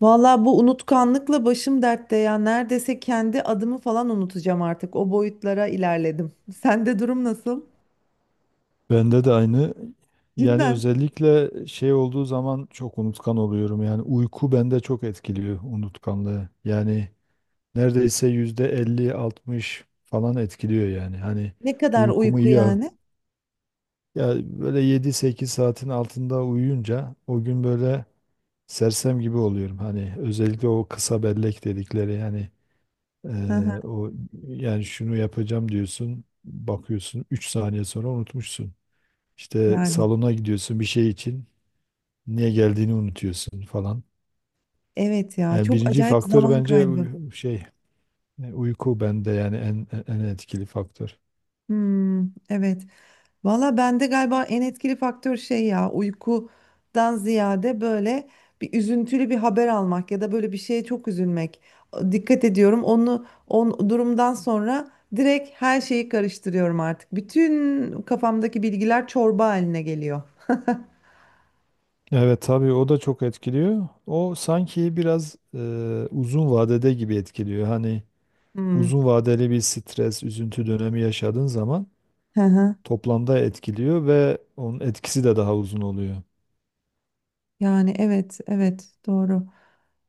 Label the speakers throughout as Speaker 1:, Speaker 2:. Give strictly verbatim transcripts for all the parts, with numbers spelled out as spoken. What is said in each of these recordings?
Speaker 1: Valla bu unutkanlıkla başım dertte ya. Neredeyse kendi adımı falan unutacağım artık. O boyutlara ilerledim. Sende durum nasıl?
Speaker 2: Bende de aynı. Yani
Speaker 1: Cidden.
Speaker 2: özellikle şey olduğu zaman çok unutkan oluyorum. Yani uyku bende çok etkiliyor unutkanlığı. Yani neredeyse yüzde elli altmış falan etkiliyor yani. Hani
Speaker 1: Ne kadar
Speaker 2: uykumu
Speaker 1: uyku
Speaker 2: iyi al.
Speaker 1: yani?
Speaker 2: Ya böyle yedi sekiz saatin altında uyuyunca o gün böyle sersem gibi oluyorum. Hani özellikle o kısa bellek dedikleri yani
Speaker 1: Hı hı.
Speaker 2: eee, o yani şunu yapacağım diyorsun bakıyorsun üç saniye sonra unutmuşsun. İşte
Speaker 1: Yani.
Speaker 2: salona gidiyorsun bir şey için. Niye geldiğini unutuyorsun falan.
Speaker 1: Evet ya.
Speaker 2: Yani
Speaker 1: Çok
Speaker 2: birinci
Speaker 1: acayip
Speaker 2: faktör
Speaker 1: zaman
Speaker 2: bence
Speaker 1: kaybı.
Speaker 2: uy- şey e, uyku bende yani en en en etkili faktör.
Speaker 1: Hmm, evet. Valla bende galiba en etkili faktör şey ya uykudan ziyade böyle bir üzüntülü bir haber almak ya da böyle bir şeye çok üzülmek. Dikkat ediyorum onu on durumdan sonra direkt her şeyi karıştırıyorum artık. Bütün kafamdaki bilgiler çorba haline geliyor.
Speaker 2: Evet tabii o da çok etkiliyor. O sanki biraz e, uzun vadede gibi etkiliyor. Hani
Speaker 1: Hmm.
Speaker 2: uzun vadeli bir stres, üzüntü dönemi yaşadığın zaman
Speaker 1: Hı hı.
Speaker 2: toplamda etkiliyor ve onun etkisi de daha uzun oluyor.
Speaker 1: Yani evet evet doğru.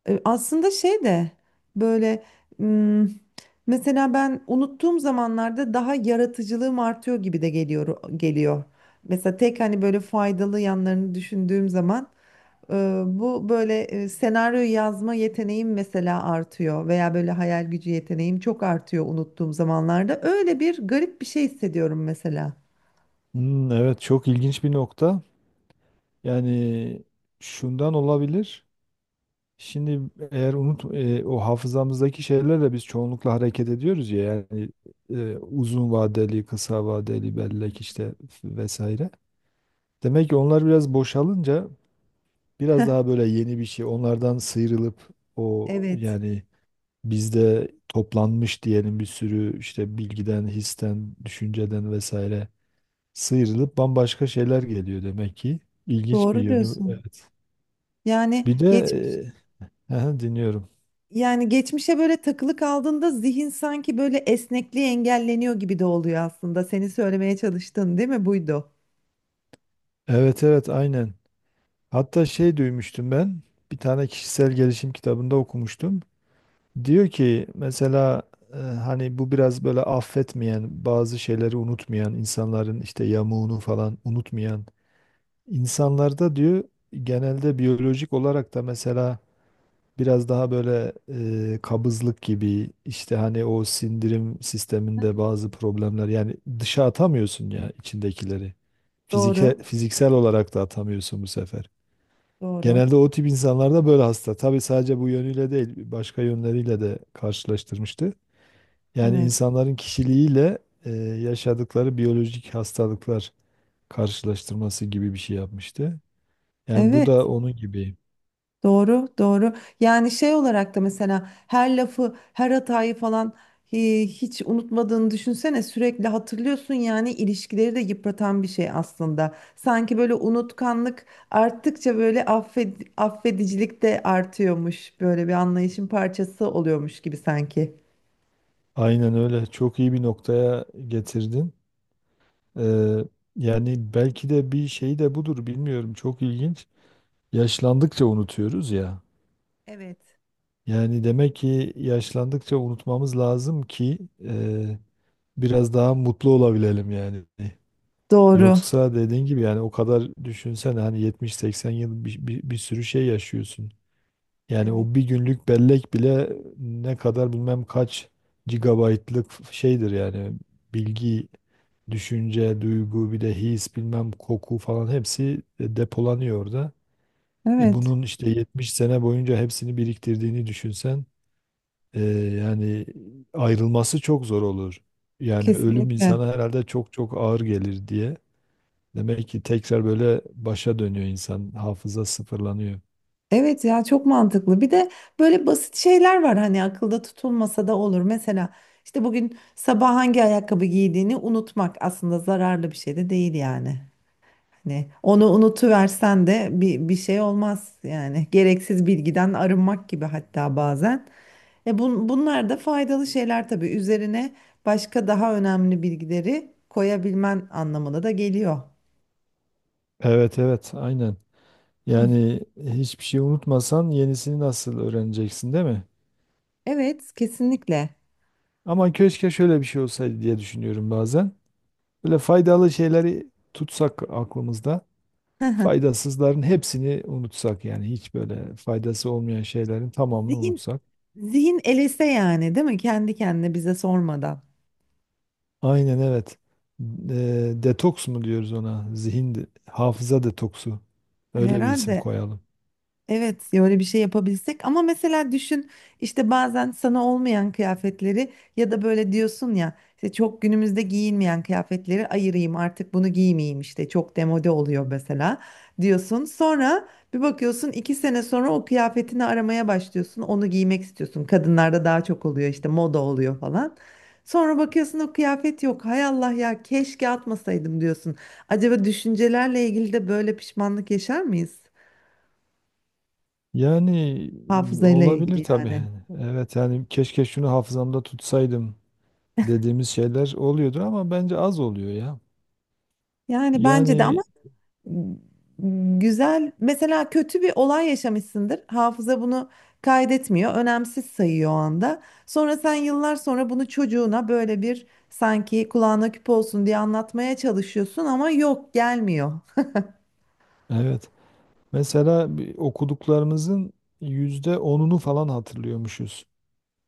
Speaker 1: E, Aslında şey de böyle m, mesela ben unuttuğum zamanlarda daha yaratıcılığım artıyor gibi de geliyor geliyor. Mesela tek hani böyle faydalı yanlarını düşündüğüm zaman e, bu böyle e, senaryo yazma yeteneğim mesela artıyor veya böyle hayal gücü yeteneğim çok artıyor unuttuğum zamanlarda. Öyle bir garip bir şey hissediyorum mesela.
Speaker 2: Hmm, evet çok ilginç bir nokta. Yani şundan olabilir. Şimdi eğer unut e, o hafızamızdaki şeylerle biz çoğunlukla hareket ediyoruz ya yani e, uzun vadeli, kısa vadeli bellek işte vesaire. Demek ki onlar biraz boşalınca biraz daha böyle yeni bir şey onlardan sıyrılıp o
Speaker 1: Evet,
Speaker 2: yani bizde toplanmış diyelim bir sürü işte bilgiden, histen, düşünceden vesaire sıyrılıp bambaşka şeyler geliyor demek ki. İlginç bir
Speaker 1: doğru
Speaker 2: yönü
Speaker 1: diyorsun.
Speaker 2: evet.
Speaker 1: Yani
Speaker 2: Bir de
Speaker 1: geçmiş
Speaker 2: e, aha, dinliyorum.
Speaker 1: Yani geçmişe böyle takılı kaldığında zihin sanki böyle esnekliği engelleniyor gibi de oluyor aslında. Seni söylemeye çalıştın değil mi? Buydu.
Speaker 2: Evet evet aynen. Hatta şey duymuştum ben. Bir tane kişisel gelişim kitabında okumuştum. Diyor ki mesela e, hani bu biraz böyle affetmeyen, bazı şeyleri unutmayan insanların işte yamuğunu falan unutmayan insanlarda diyor genelde biyolojik olarak da mesela biraz daha böyle e, kabızlık gibi işte hani o sindirim sisteminde bazı problemler yani dışa atamıyorsun ya içindekileri. Fizike,
Speaker 1: Doğru.
Speaker 2: fiziksel olarak da atamıyorsun bu sefer.
Speaker 1: Doğru.
Speaker 2: Genelde o tip insanlarda böyle hasta. Tabii sadece bu yönüyle değil, başka yönleriyle de karşılaştırmıştı. Yani
Speaker 1: Evet.
Speaker 2: insanların kişiliğiyle e, yaşadıkları biyolojik hastalıklar karşılaştırması gibi bir şey yapmıştı. Yani bu
Speaker 1: Evet.
Speaker 2: da onun gibi.
Speaker 1: Doğru. Doğru. Yani şey olarak da mesela her lafı, her hatayı falan hi- hiç unutmadığını düşünsene. Sürekli hatırlıyorsun yani ilişkileri de yıpratan bir şey aslında. Sanki böyle unutkanlık arttıkça böyle affed affedicilik de artıyormuş. Böyle bir anlayışın parçası oluyormuş gibi sanki.
Speaker 2: Aynen öyle. Çok iyi bir noktaya getirdin. E, yani belki de bir şey de budur, bilmiyorum. Çok ilginç. Yaşlandıkça unutuyoruz ya.
Speaker 1: Evet.
Speaker 2: Yani demek ki yaşlandıkça unutmamız lazım ki e, biraz daha mutlu olabilelim yani.
Speaker 1: Doğru.
Speaker 2: Yoksa dediğin gibi yani o kadar düşünsene hani yetmiş seksen yıl bir, bir, bir sürü şey yaşıyorsun. Yani
Speaker 1: Evet.
Speaker 2: o bir günlük bellek bile ne kadar bilmem kaç gigabaytlık şeydir yani bilgi, düşünce, duygu bir de his bilmem koku falan hepsi e, depolanıyor orada. E
Speaker 1: Evet,
Speaker 2: bunun işte yetmiş sene boyunca hepsini biriktirdiğini düşünsen ee, yani ayrılması çok zor olur. Yani ölüm
Speaker 1: kesinlikle.
Speaker 2: insana herhalde çok çok ağır gelir diye. Demek ki tekrar böyle başa dönüyor insan. Hafıza sıfırlanıyor.
Speaker 1: Evet ya çok mantıklı. Bir de böyle basit şeyler var hani akılda tutulmasa da olur. Mesela işte bugün sabah hangi ayakkabı giydiğini unutmak aslında zararlı bir şey de değil yani. Hani onu unutuversen de bir, bir şey olmaz yani. Gereksiz bilgiden arınmak gibi hatta bazen. E bun, bunlar da faydalı şeyler tabii. Üzerine başka daha önemli bilgileri koyabilmen anlamına da geliyor.
Speaker 2: Evet evet aynen. Yani hiçbir şey unutmasan yenisini nasıl öğreneceksin değil mi?
Speaker 1: Evet, kesinlikle.
Speaker 2: Ama keşke şöyle bir şey olsaydı diye düşünüyorum bazen. Böyle faydalı şeyleri tutsak aklımızda.
Speaker 1: Hı hı.
Speaker 2: Faydasızların hepsini unutsak yani hiç böyle faydası olmayan şeylerin tamamını
Speaker 1: Zihin,
Speaker 2: unutsak.
Speaker 1: zihin elese yani, değil mi? Kendi kendine bize sormadan.
Speaker 2: Aynen evet. Eee, detoks mu diyoruz ona? Zihin, de- hafıza detoksu. Öyle bir isim
Speaker 1: Herhalde.
Speaker 2: koyalım.
Speaker 1: Evet, ya öyle bir şey yapabilsek ama mesela düşün işte bazen sana olmayan kıyafetleri ya da böyle diyorsun ya işte çok günümüzde giyinmeyen kıyafetleri ayırayım artık bunu giymeyeyim işte çok demode oluyor mesela diyorsun. Sonra bir bakıyorsun iki sene sonra o kıyafetini aramaya başlıyorsun onu giymek istiyorsun kadınlarda daha çok oluyor işte moda oluyor falan. Sonra bakıyorsun o kıyafet yok hay Allah ya keşke atmasaydım diyorsun. Acaba düşüncelerle ilgili de böyle pişmanlık yaşar mıyız?
Speaker 2: Yani
Speaker 1: Hafızayla
Speaker 2: olabilir
Speaker 1: ilgili
Speaker 2: tabii.
Speaker 1: yani.
Speaker 2: Evet yani keşke şunu hafızamda tutsaydım dediğimiz şeyler oluyordur ama bence az oluyor ya.
Speaker 1: Yani bence de ama
Speaker 2: Yani
Speaker 1: m, güzel mesela kötü bir olay yaşamışsındır. Hafıza bunu kaydetmiyor. Önemsiz sayıyor o anda. Sonra sen yıllar sonra bunu çocuğuna böyle bir sanki kulağına küpe olsun diye anlatmaya çalışıyorsun ama yok gelmiyor.
Speaker 2: evet. Mesela bir okuduklarımızın yüzde onunu falan hatırlıyormuşuz.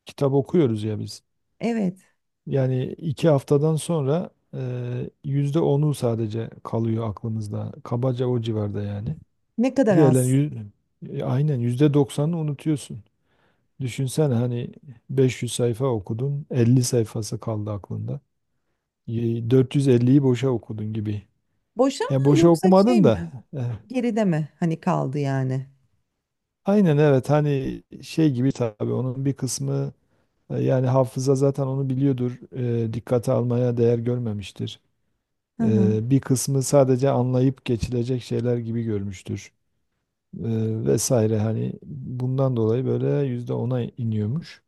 Speaker 2: Kitap okuyoruz ya biz.
Speaker 1: Evet.
Speaker 2: Yani iki haftadan sonra eee yüzde onu sadece kalıyor aklımızda. Kabaca o civarda yani.
Speaker 1: Ne kadar
Speaker 2: Diğerlerini
Speaker 1: az.
Speaker 2: yüz, e, aynen yüzde doksanını unutuyorsun. Düşünsene hani beş yüz sayfa okudun, elli sayfası kaldı aklında. Y- dört yüz elliyi boşa okudun gibi.
Speaker 1: Boşa
Speaker 2: Yani
Speaker 1: mı
Speaker 2: boşa
Speaker 1: yoksa şey
Speaker 2: okumadın da.
Speaker 1: mi?
Speaker 2: eh,
Speaker 1: Geride mi? Hani kaldı yani.
Speaker 2: Aynen evet hani şey gibi tabii onun bir kısmı e, yani hafıza zaten onu biliyordur. e, dikkate almaya değer görmemiştir.
Speaker 1: Hı hı.
Speaker 2: Eee, bir kısmı sadece anlayıp geçilecek şeyler gibi görmüştür, Eee, vesaire hani bundan dolayı böyle yüzde ona iniyormuş.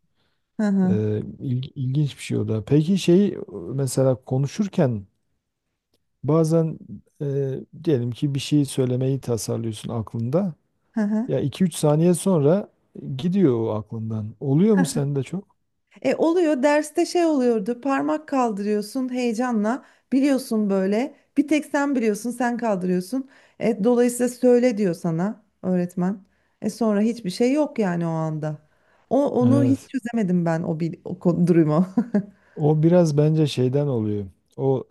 Speaker 1: Hı hı.
Speaker 2: Eee, il- ilginç bir şey o da. Peki şey mesela konuşurken bazen eee, diyelim ki bir şey söylemeyi tasarlıyorsun aklında.
Speaker 1: Hı hı.
Speaker 2: Ya iki üç saniye sonra gidiyor o aklından. Oluyor mu sende çok?
Speaker 1: E oluyor derste şey oluyordu parmak kaldırıyorsun heyecanla biliyorsun böyle bir tek sen biliyorsun sen kaldırıyorsun. E, dolayısıyla söyle diyor sana öğretmen. E sonra hiçbir şey yok yani o anda. O onu hiç
Speaker 2: Evet.
Speaker 1: çözemedim ben o, bil, o konu- durumu.
Speaker 2: O biraz bence şeyden oluyor. O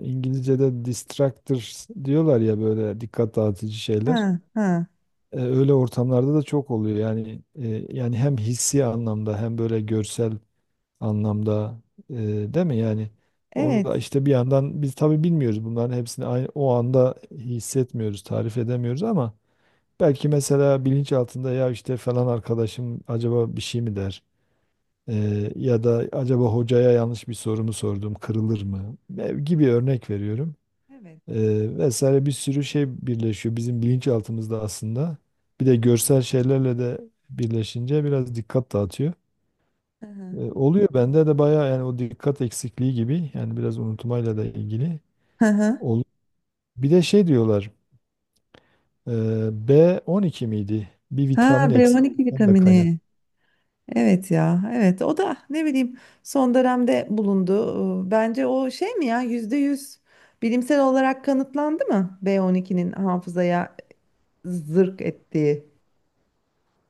Speaker 2: e, İngilizce'de distractors diyorlar ya böyle dikkat dağıtıcı
Speaker 1: Ha
Speaker 2: şeyler.
Speaker 1: ha
Speaker 2: E, öyle ortamlarda da çok oluyor. Yani e, yani hem hissi anlamda hem böyle görsel anlamda e, değil mi? Yani orada
Speaker 1: evet.
Speaker 2: işte bir yandan biz tabii bilmiyoruz bunların hepsini aynı, o anda hissetmiyoruz, tarif edemiyoruz ama belki mesela bilinç altında ya işte falan arkadaşım acaba bir şey mi der? Ee, ya da acaba hocaya yanlış bir sorumu mu sordum, kırılır mı? Ev gibi örnek veriyorum.
Speaker 1: Evet.
Speaker 2: Ee, vesaire bir sürü şey birleşiyor bizim bilinçaltımızda aslında. Bir de görsel şeylerle de birleşince biraz dikkat dağıtıyor.
Speaker 1: Hı hı.
Speaker 2: Ee, oluyor bende de bayağı yani o dikkat eksikliği gibi yani biraz unutmayla da ilgili.
Speaker 1: Hı hı.
Speaker 2: Ol- Bir de şey diyorlar e, B on iki miydi? Bir
Speaker 1: Ha
Speaker 2: vitamin
Speaker 1: B on iki
Speaker 2: eksikliğinden de kaynak.
Speaker 1: vitamini. Evet ya, evet. O da ne bileyim son dönemde bulundu. Ee, Bence o şey mi ya yüzde yüz bilimsel olarak kanıtlandı mı B on ikinin hafızaya zırk ettiği?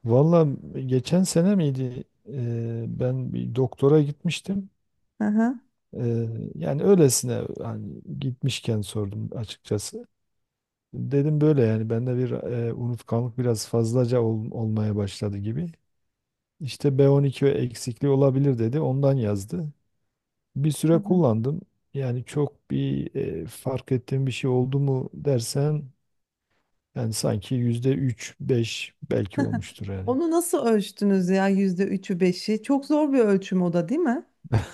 Speaker 2: Valla geçen sene miydi? E, ben bir doktora gitmiştim.
Speaker 1: Hı hı.
Speaker 2: Ee, yani öylesine hani gitmişken sordum açıkçası. Dedim böyle yani bende bir e, unutkanlık biraz fazlaca ol- olmaya başladı gibi. İşte B on iki eksikliği olabilir dedi. Ondan yazdı. Bir
Speaker 1: Hı
Speaker 2: süre
Speaker 1: hı.
Speaker 2: kullandım. Yani çok bir e, fark ettiğim bir şey oldu mu dersen yani sanki yüzde üç, beş belki olmuştur yani.
Speaker 1: Onu nasıl ölçtünüz ya yüzde üçü beşi? Çok zor bir ölçüm o da değil mi?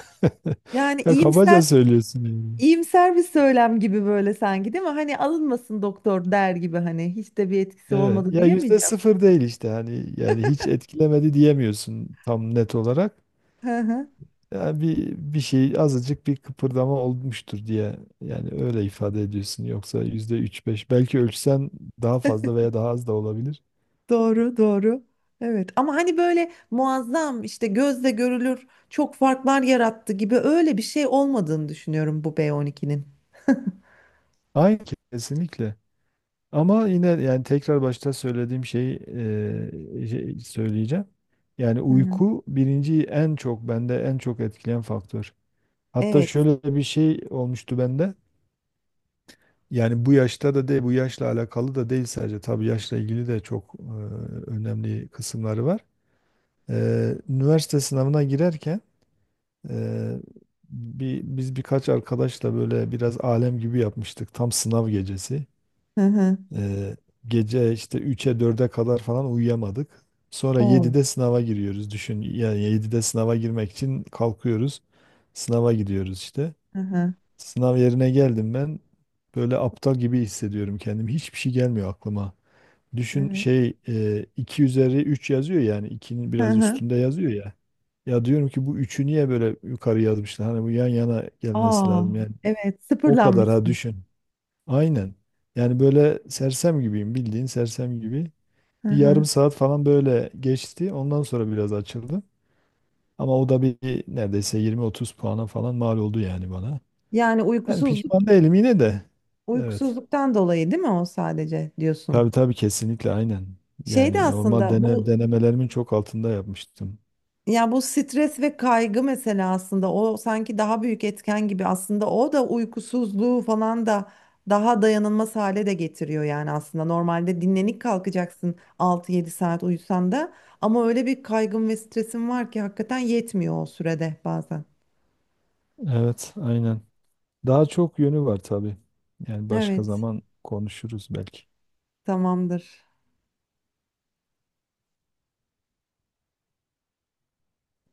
Speaker 1: Yani
Speaker 2: Ya kabaca
Speaker 1: iyimser
Speaker 2: söylüyorsun yani.
Speaker 1: iyimser bir söylem gibi böyle sanki değil mi? Hani alınmasın doktor der gibi hani hiç de bir etkisi
Speaker 2: Evet.
Speaker 1: olmadı
Speaker 2: Ya yüzde
Speaker 1: diyemeyeceğim.
Speaker 2: sıfır değil işte hani yani hiç etkilemedi diyemiyorsun tam net olarak. Yani bir bir şey azıcık bir kıpırdama olmuştur diye yani öyle ifade ediyorsun. Yoksa yüzde üç beş belki ölçsen daha fazla veya daha az da olabilir.
Speaker 1: Doğru, doğru. Evet ama hani böyle muazzam işte gözle görülür çok farklar yarattı gibi öyle bir şey olmadığını düşünüyorum bu B on ikinin.
Speaker 2: Aynı kesinlikle. Ama yine yani tekrar başta söylediğim şeyi e, şey söyleyeceğim. Yani
Speaker 1: Hı hı.
Speaker 2: uyku birinci en çok bende en çok etkileyen faktör. Hatta
Speaker 1: Evet.
Speaker 2: şöyle bir şey olmuştu bende. Yani bu yaşta da değil, bu yaşla alakalı da değil sadece. Tabii yaşla ilgili de çok e, önemli kısımları var. E, üniversite sınavına girerken e, bir, biz birkaç arkadaşla böyle biraz alem gibi yapmıştık. Tam sınav gecesi.
Speaker 1: Hı hı.
Speaker 2: E, gece işte üç'e dörde kadar falan uyuyamadık. Sonra
Speaker 1: O.
Speaker 2: yedi'de sınava giriyoruz. Düşün yani yedi'de sınava girmek için kalkıyoruz. Sınava gidiyoruz işte.
Speaker 1: Hı hı.
Speaker 2: Sınav yerine geldim ben. Böyle aptal gibi hissediyorum kendimi. Hiçbir şey gelmiyor aklıma. Düşün
Speaker 1: Evet.
Speaker 2: şey e, iki üzeri üç yazıyor yani ikinin
Speaker 1: Hı
Speaker 2: biraz
Speaker 1: hı.
Speaker 2: üstünde yazıyor ya. Ya diyorum ki bu üçü niye böyle yukarı yazmışlar? Hani bu yan yana gelmesi
Speaker 1: Aa,
Speaker 2: lazım yani.
Speaker 1: evet
Speaker 2: O kadar ha
Speaker 1: sıfırlanmışsın.
Speaker 2: düşün. Aynen. Yani böyle sersem gibiyim bildiğin sersem gibi.
Speaker 1: Hı
Speaker 2: Bir
Speaker 1: hı.
Speaker 2: yarım saat falan böyle geçti. Ondan sonra biraz açıldı. Ama o da bir neredeyse yirmi otuz puana falan mal oldu yani bana.
Speaker 1: Yani
Speaker 2: Yani
Speaker 1: uykusuzluk
Speaker 2: pişman değilim yine de. Evet.
Speaker 1: uykusuzluktan dolayı değil mi o sadece
Speaker 2: Tabii
Speaker 1: diyorsun.
Speaker 2: tabii kesinlikle aynen.
Speaker 1: Şey de
Speaker 2: Yani normal
Speaker 1: aslında
Speaker 2: dene,
Speaker 1: bu.
Speaker 2: denemelerimin çok altında yapmıştım.
Speaker 1: Ya bu stres ve kaygı mesela aslında o sanki daha büyük etken gibi aslında o da uykusuzluğu falan da daha dayanılmaz hale de getiriyor yani aslında normalde dinlenik kalkacaksın altı yedi saat uyusan da ama öyle bir kaygın ve stresin var ki hakikaten yetmiyor o sürede bazen.
Speaker 2: Evet aynen. Daha çok yönü var tabii. Yani başka
Speaker 1: Evet,
Speaker 2: zaman konuşuruz belki.
Speaker 1: tamamdır.